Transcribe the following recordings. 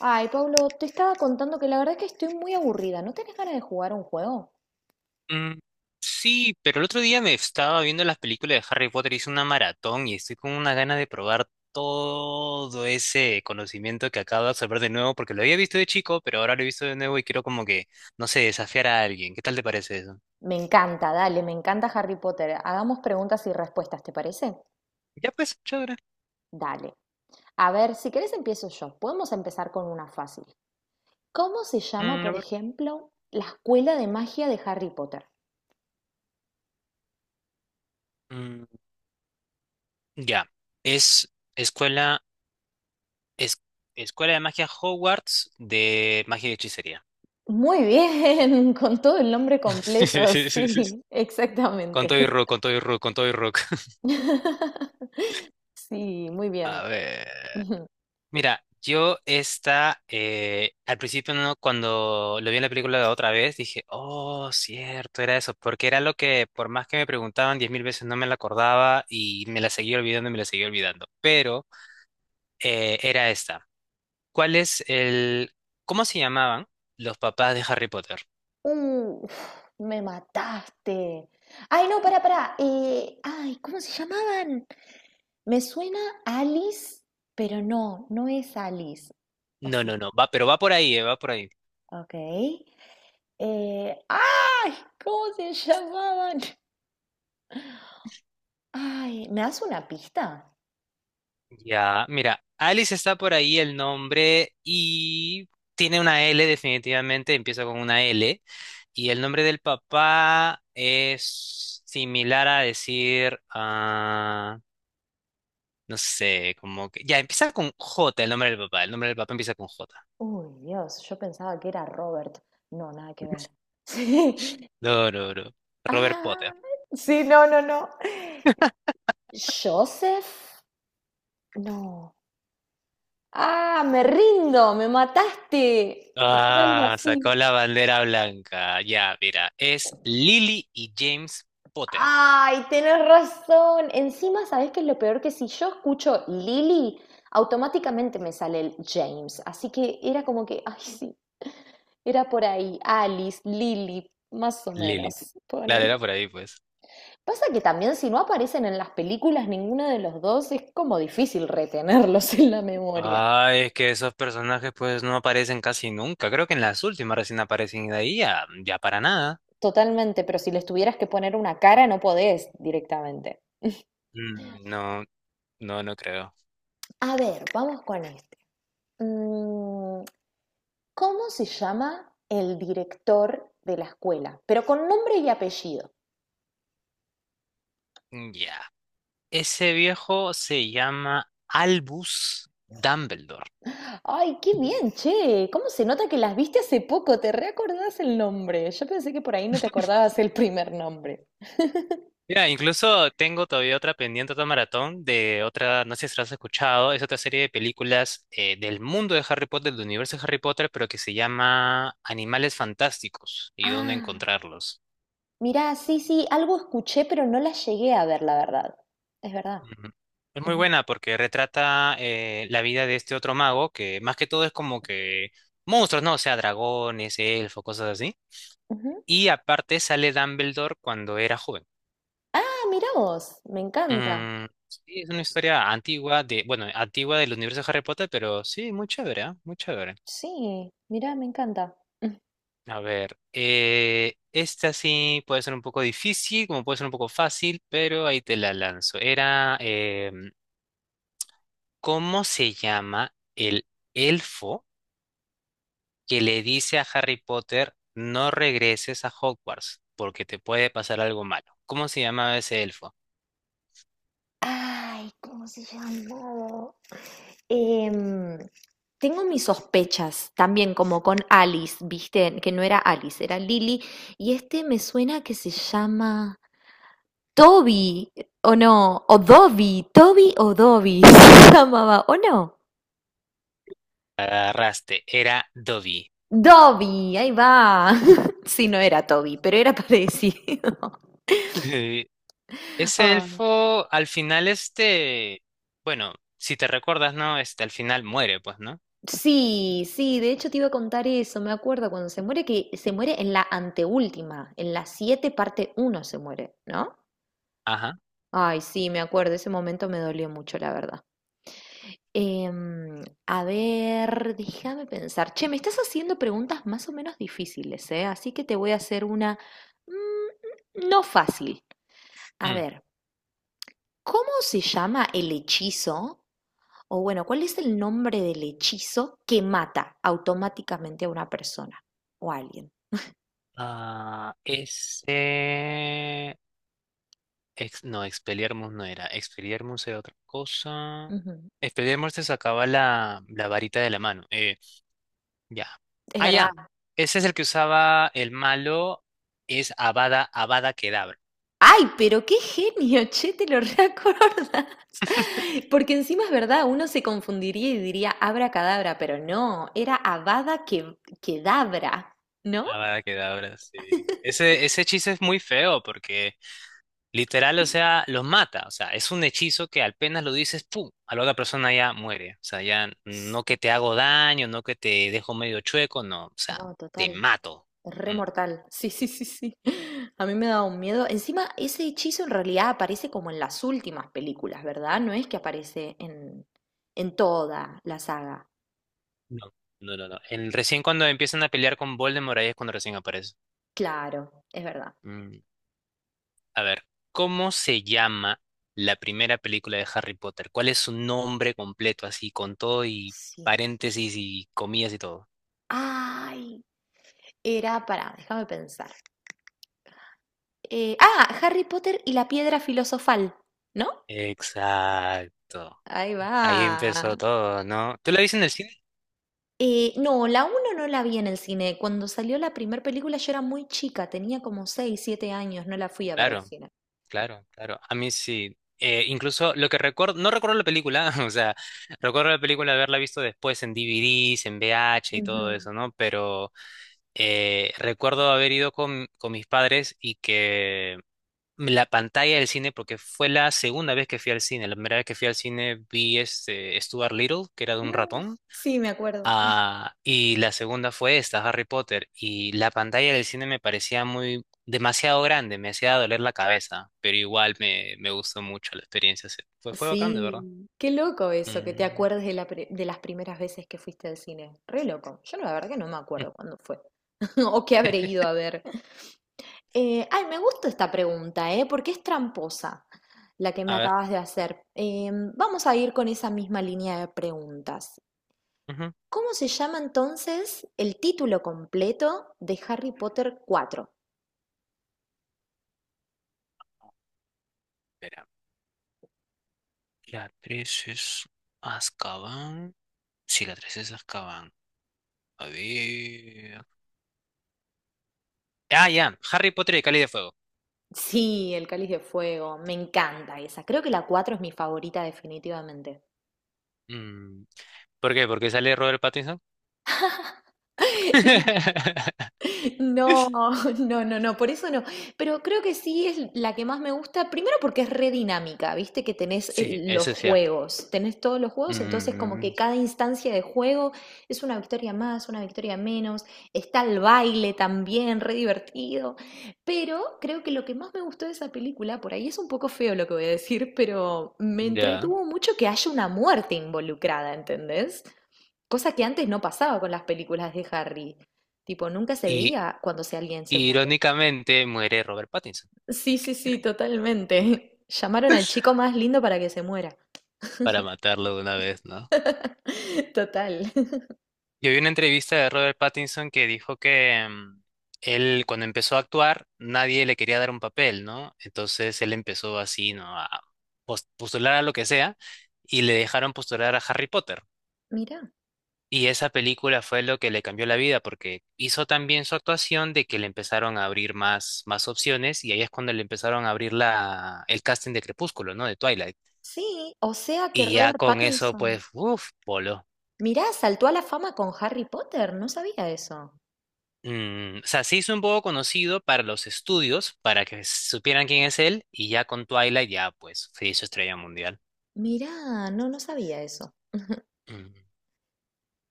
Ay, Pablo, te estaba contando que la verdad es que estoy muy aburrida. ¿No tenés ganas de jugar un juego? Mm, sí, pero el otro día me estaba viendo las películas de Harry Potter, hice una maratón y estoy con una gana de probar todo ese conocimiento que acabo de absorber de nuevo, porque lo había visto de chico, pero ahora lo he visto de nuevo y quiero como que, no sé, desafiar a alguien. ¿Qué tal te parece eso? Me encanta, dale, me encanta Harry Potter. Hagamos preguntas y respuestas, ¿te parece? Ya pues, chévere. Dale. A ver, si querés empiezo yo. Podemos empezar con una fácil. ¿Cómo se llama, A por ver. ejemplo, la escuela de magia de Harry Potter? Mm, ya. Es escuela, es, Escuela de magia Hogwarts de magia y hechicería. Muy bien, con todo el nombre completo, sí, Con exactamente. todo y rock, con todo y rock, con todo y rock. Sí, muy bien. A ver. Mira, yo esta, al principio no, cuando lo vi en la película la otra vez, dije, oh, cierto, era eso, porque era lo que por más que me preguntaban 10,000 veces no me la acordaba y me la seguía olvidando y me la seguía olvidando, pero era esta. ¿Cuál es el, ¿cómo se llamaban los papás de Harry Potter? Uf, me mataste. Ay, no, pará, pará. Ay, ¿cómo se llamaban? Me suena Alice, pero no, no es Alice. O No, sí, no, no, va, pero va por ahí, va por ahí. ok. Ay, ¿cómo se llamaban? Ay, ¿me das una pista? Ya, mira, Alice está por ahí el nombre y tiene una L definitivamente, empieza con una L. Y el nombre del papá es similar a decir, ah, no sé, como que... Ya, empieza con J el nombre del papá, el nombre del papá empieza con J. Uy, Dios, yo pensaba que era Robert. No, nada que ver. Sí. No, no, no. Robert Potter. Ah, sí, no, no, no. Joseph, no. Ah, me rindo, me mataste. Pero era algo Ah, sacó así. la bandera blanca. Ya, mira, es Lily y James Potter. Ay, tenés razón. Encima, ¿sabés qué es lo peor? Que si yo escucho Lily, automáticamente me sale el James. Así que era como que, ay, sí, era por ahí. Alice, Lily, más o Lily. menos. Claro, era Ponele. por ahí, pues. Pasa que también si no aparecen en las películas ninguno de los dos, es como difícil retenerlos en la memoria. Ah, es que esos personajes pues no aparecen casi nunca. Creo que en las últimas recién aparecen y de ahí ya, ya para nada. Totalmente, pero si les tuvieras que poner una cara, no podés directamente. Mm, no, no, no creo. A ver, vamos con esto. Mm, ¿Cómo se llama el director de la escuela? Pero con nombre y apellido. Mm, ya. Ese viejo se llama Albus Dumbledore. Ay, qué bien, che. ¿Cómo se nota que las viste hace poco? ¿Te reacordás el nombre? Yo pensé que por ahí no te acordabas el primer nombre. Mira, incluso tengo todavía otra pendiente, otra maratón de otra, no sé si la has escuchado, es otra serie de películas del mundo de Harry Potter, del universo de Harry Potter, pero que se llama Animales Fantásticos y dónde Ah, encontrarlos. mirá, sí, sí, algo escuché, pero no la llegué a ver, la verdad. Es verdad. Ujú. Es muy Ujú, buena porque retrata la vida de este otro mago que más que todo es como que monstruos, ¿no? O sea, dragones, elfos, cosas así. ujú. Y aparte sale Dumbledore cuando era joven. Ah, mirá vos. Me encanta. Mm, sí, es una historia antigua de, bueno, antigua del universo de Harry Potter, pero sí, muy chévere, ¿ah? Muy chévere. Sí, mirá, me encanta. Ujú. A ver, esta sí puede ser un poco difícil, como puede ser un poco fácil, pero ahí te la lanzo. Era, ¿cómo se llama el elfo? Que le dice a Harry Potter, no regreses a Hogwarts porque te puede pasar algo malo. ¿Cómo se llamaba ese elfo? Ay, ¿cómo se llamó? Tengo mis sospechas también como con Alice, viste, que no era Alice, era Lily, y este me suena que se llama Toby, o no, o Dobby, Toby o Dobby se llamaba, o no, Agarraste, era Dobby. Dobby, ahí va. Sí, no era Toby, pero era parecido. Sí. Ese Ah, elfo al final este, bueno, si te recuerdas, ¿no? Este al final muere, pues, ¿no? sí, sí, de hecho te iba a contar eso, me acuerdo cuando se muere, que se muere en la anteúltima, en la 7 parte uno se muere, ¿no? Ajá. Ay, sí, me acuerdo, ese momento me dolió mucho, la verdad. A ver, déjame pensar. Che, me estás haciendo preguntas más o menos difíciles, ¿eh? Así que te voy a hacer una no fácil. A Mm. ver, ¿cómo se llama el hechizo? O bueno, ¿cuál es el nombre del hechizo que mata automáticamente a una persona o a alguien? Ah, ese... no, Expelliarmus no era. Expelliarmus era otra cosa. Ujú. Expelliarmus te sacaba la varita de la mano. Ya. Es Ah, verdad. ya. Ese es el que usaba el malo. Es Avada Kedavra. Ay, pero qué genio, che, te lo reacordás. Porque encima es verdad, uno se confundiría y diría abracadabra, pero no, era Avada que Kedavra, ¿no? Avada Kedavra, sí. Ese hechizo es muy feo porque literal, o sea, los mata. O sea, es un hechizo que apenas lo dices, ¡pum! A la otra persona ya muere. O sea, ya no que te hago daño, no que te dejo medio chueco, no. O sea, No, te total, mato. re Mm, mortal. Sí, sí, sí, sí. A mí me da un miedo. Encima, ese hechizo en realidad aparece como en las últimas películas, ¿verdad? No es que aparece en toda la saga. no, no, no, no. El, recién cuando empiezan a pelear con Voldemort, ahí es cuando recién aparece. Claro, es verdad. Mm. A ver, ¿cómo se llama la primera película de Harry Potter? ¿Cuál es su nombre completo, así, con todo y paréntesis y comillas y todo? Ay, era, para, déjame pensar. Ah, Harry Potter y la piedra filosofal, ¿no? Exacto. Ahí Ahí empezó va. todo, ¿no? ¿Tú la viste en el cine? No, la uno no la vi en el cine. Cuando salió la primera película yo era muy chica, tenía como 6 7 años, no la fui a ver al Claro, cine. claro, claro. A mí sí. Incluso lo que recuerdo, no recuerdo la película, o sea, recuerdo la película de haberla visto después en DVDs, en VH y todo Ujú. eso, ¿no? Pero recuerdo haber ido con mis padres y que la pantalla del cine porque fue la segunda vez que fui al cine. La primera vez que fui al cine vi este Stuart Little, que era de un No, ratón. sí, me acuerdo. Ah, y la segunda fue esta, Harry Potter. Y la pantalla del cine me parecía muy demasiado grande, me hacía doler la cabeza, pero igual me gustó mucho la experiencia. Fue, fue bacán, de verdad. Sí, qué loco eso, que te Mm. acuerdes de las primeras veces que fuiste al cine. Re loco. Yo la verdad que no me acuerdo cuándo fue o qué habré ido a ver. Ay, me gusta esta pregunta, ¿eh? Porque es tramposa la que me A ver. acabas de hacer. Vamos a ir con esa misma línea de preguntas. Ujú. ¿Cómo se llama entonces el título completo de Harry Potter 4? Espera. La 3 es Azkaban. Sí, la 3 es Azkaban. A ver. Ah, ya. Harry Potter y el Cáliz de Fuego. Sí, el Cáliz de Fuego, me encanta esa. Creo que la 4 es mi favorita definitivamente. Mm, ¿por qué? ¿Porque sale Robert Pattinson? No, no, no, no, por eso no. Pero creo que sí es la que más me gusta, primero porque es re dinámica, viste que tenés Sí, los eso es cierto. juegos, tenés todos los juegos, entonces como Mm, que cada instancia de juego es una victoria más, una victoria menos, está el baile también, re divertido. Pero creo que lo que más me gustó de esa película, por ahí es un poco feo lo que voy a decir, pero me ya. entretuvo mucho que haya una muerte involucrada, ¿entendés? Cosa que antes no pasaba con las películas de Harry. Tipo, nunca se Y veía cuando alguien se muere. irónicamente muere Robert Pattinson Sí, sí, sí, totalmente. Llamaron al chico más lindo para que se muera. para matarlo de una vez, ¿no? Total. Yo vi una entrevista de Robert Pattinson que dijo que él cuando empezó a actuar nadie le quería dar un papel, ¿no? Entonces él empezó así, ¿no? A postular a lo que sea y le dejaron postular a Harry Potter. Mirá. Y esa película fue lo que le cambió la vida porque hizo también su actuación de que le empezaron a abrir más opciones y ahí es cuando le empezaron a abrir la, el casting de Crepúsculo, ¿no? De Twilight. Sí, o sea que Y ya Robert con eso, Pattinson. pues, uff, polo. Mirá, saltó a la fama con Harry Potter. No sabía eso. Mm, o sea, se hizo un poco conocido para los estudios, para que supieran quién es él y ya con Twilight ya, pues, se hizo estrella mundial. Mirá, no, no sabía eso. Mm,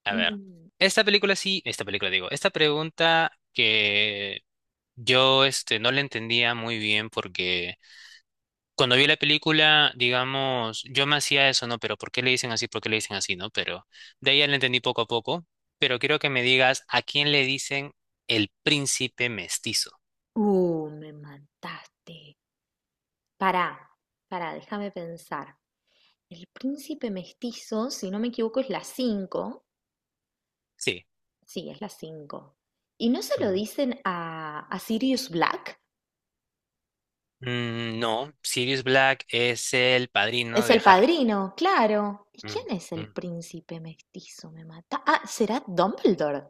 a ver, Mm. Esta película digo, esta pregunta que yo este, no la entendía muy bien porque... cuando vi la película, digamos, yo me hacía eso, ¿no? Pero ¿por qué le dicen así? ¿Por qué le dicen así? ¿No? Pero de ahí ya le entendí poco a poco. Pero quiero que me digas a quién le dicen el príncipe mestizo. Me mataste. Pará, pará, déjame pensar. El príncipe mestizo, si no me equivoco, es la 5. Sí. Sí, es las 5. ¿Y no se lo Ujú. dicen a Sirius Black? Mm, no, Sirius Black es el padrino Es de el Harry. padrino, claro. ¿Y quién Mm, es el mm. príncipe mestizo? Me mata. Ah, ¿será Dumbledore?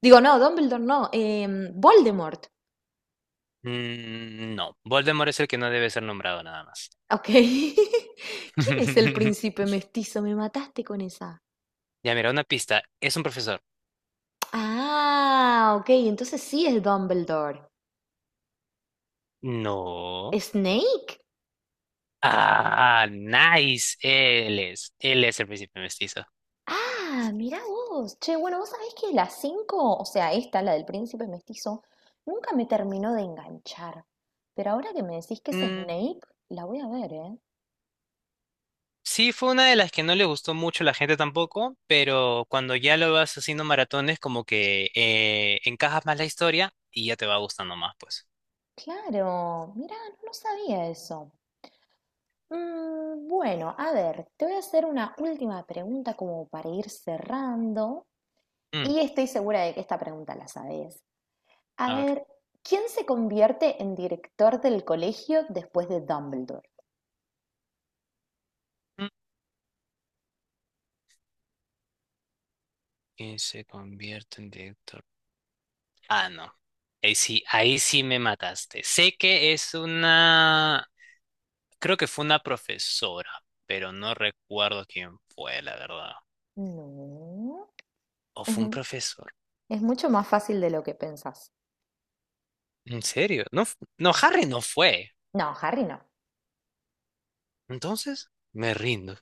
Digo, no, Dumbledore no. Voldemort. Mm, no, Voldemort es el que no debe ser nombrado nada más. Ok. ¿Quién es el príncipe mestizo? Me mataste con esa. Ya mira, una pista. Es un profesor. Ah, ok. Entonces sí es Dumbledore. No. ¿Snake? Ah, nice. Él es. Él es el príncipe mestizo. Ah, mirá vos. Che, bueno, vos sabés que la 5, o sea, esta, la del príncipe mestizo, nunca me terminó de enganchar. Pero ahora que me decís que es Snape, la voy a ver, ¿eh? Sí, fue una de las que no le gustó mucho a la gente tampoco, pero cuando ya lo vas haciendo maratones, como que encajas más la historia y ya te va gustando más, pues. Claro, mirá, no, no sabía eso. Bueno, a ver, te voy a hacer una última pregunta como para ir cerrando. Mm, Y estoy segura de que esta pregunta la sabés. A a ver. ver, ¿quién se convierte en director del colegio después de Dumbledore? Mm, ¿quién se convierte en director? Ah, no. Ahí sí me mataste. Sé que es una... Creo que fue una profesora, pero no recuerdo quién fue, la verdad. No. ¿O fue un profesor? Es mucho más fácil de lo que pensás. ¿En serio? No, no, Harry no fue. No, Harry no. Entonces, me rindo.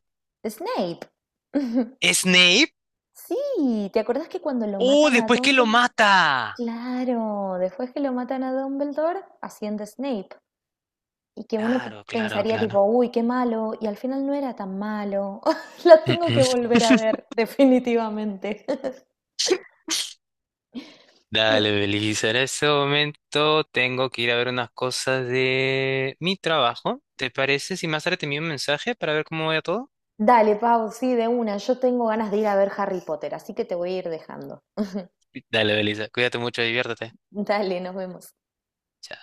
Snape. ¿Snape? Sí, ¿te acordás que cuando lo ¡Oh, matan a después que lo Dumbledore? mata! Claro, después que lo matan a Dumbledore, asciende Snape. Y que uno Claro, claro, pensaría claro. tipo, uy, qué malo, y al final no era tan malo. La Mm, tengo que mm. volver a ver, definitivamente. Bueno, Dale, Belisa. En este momento tengo que ir a ver unas cosas de mi trabajo. ¿Te parece si más tarde te envío un mensaje para ver cómo va todo? dale, Pau, sí, de una. Yo tengo ganas de ir a ver Harry Potter, así que te voy a ir dejando. Dale, Belisa. Cuídate mucho, diviértete. Dale, nos vemos. Chao.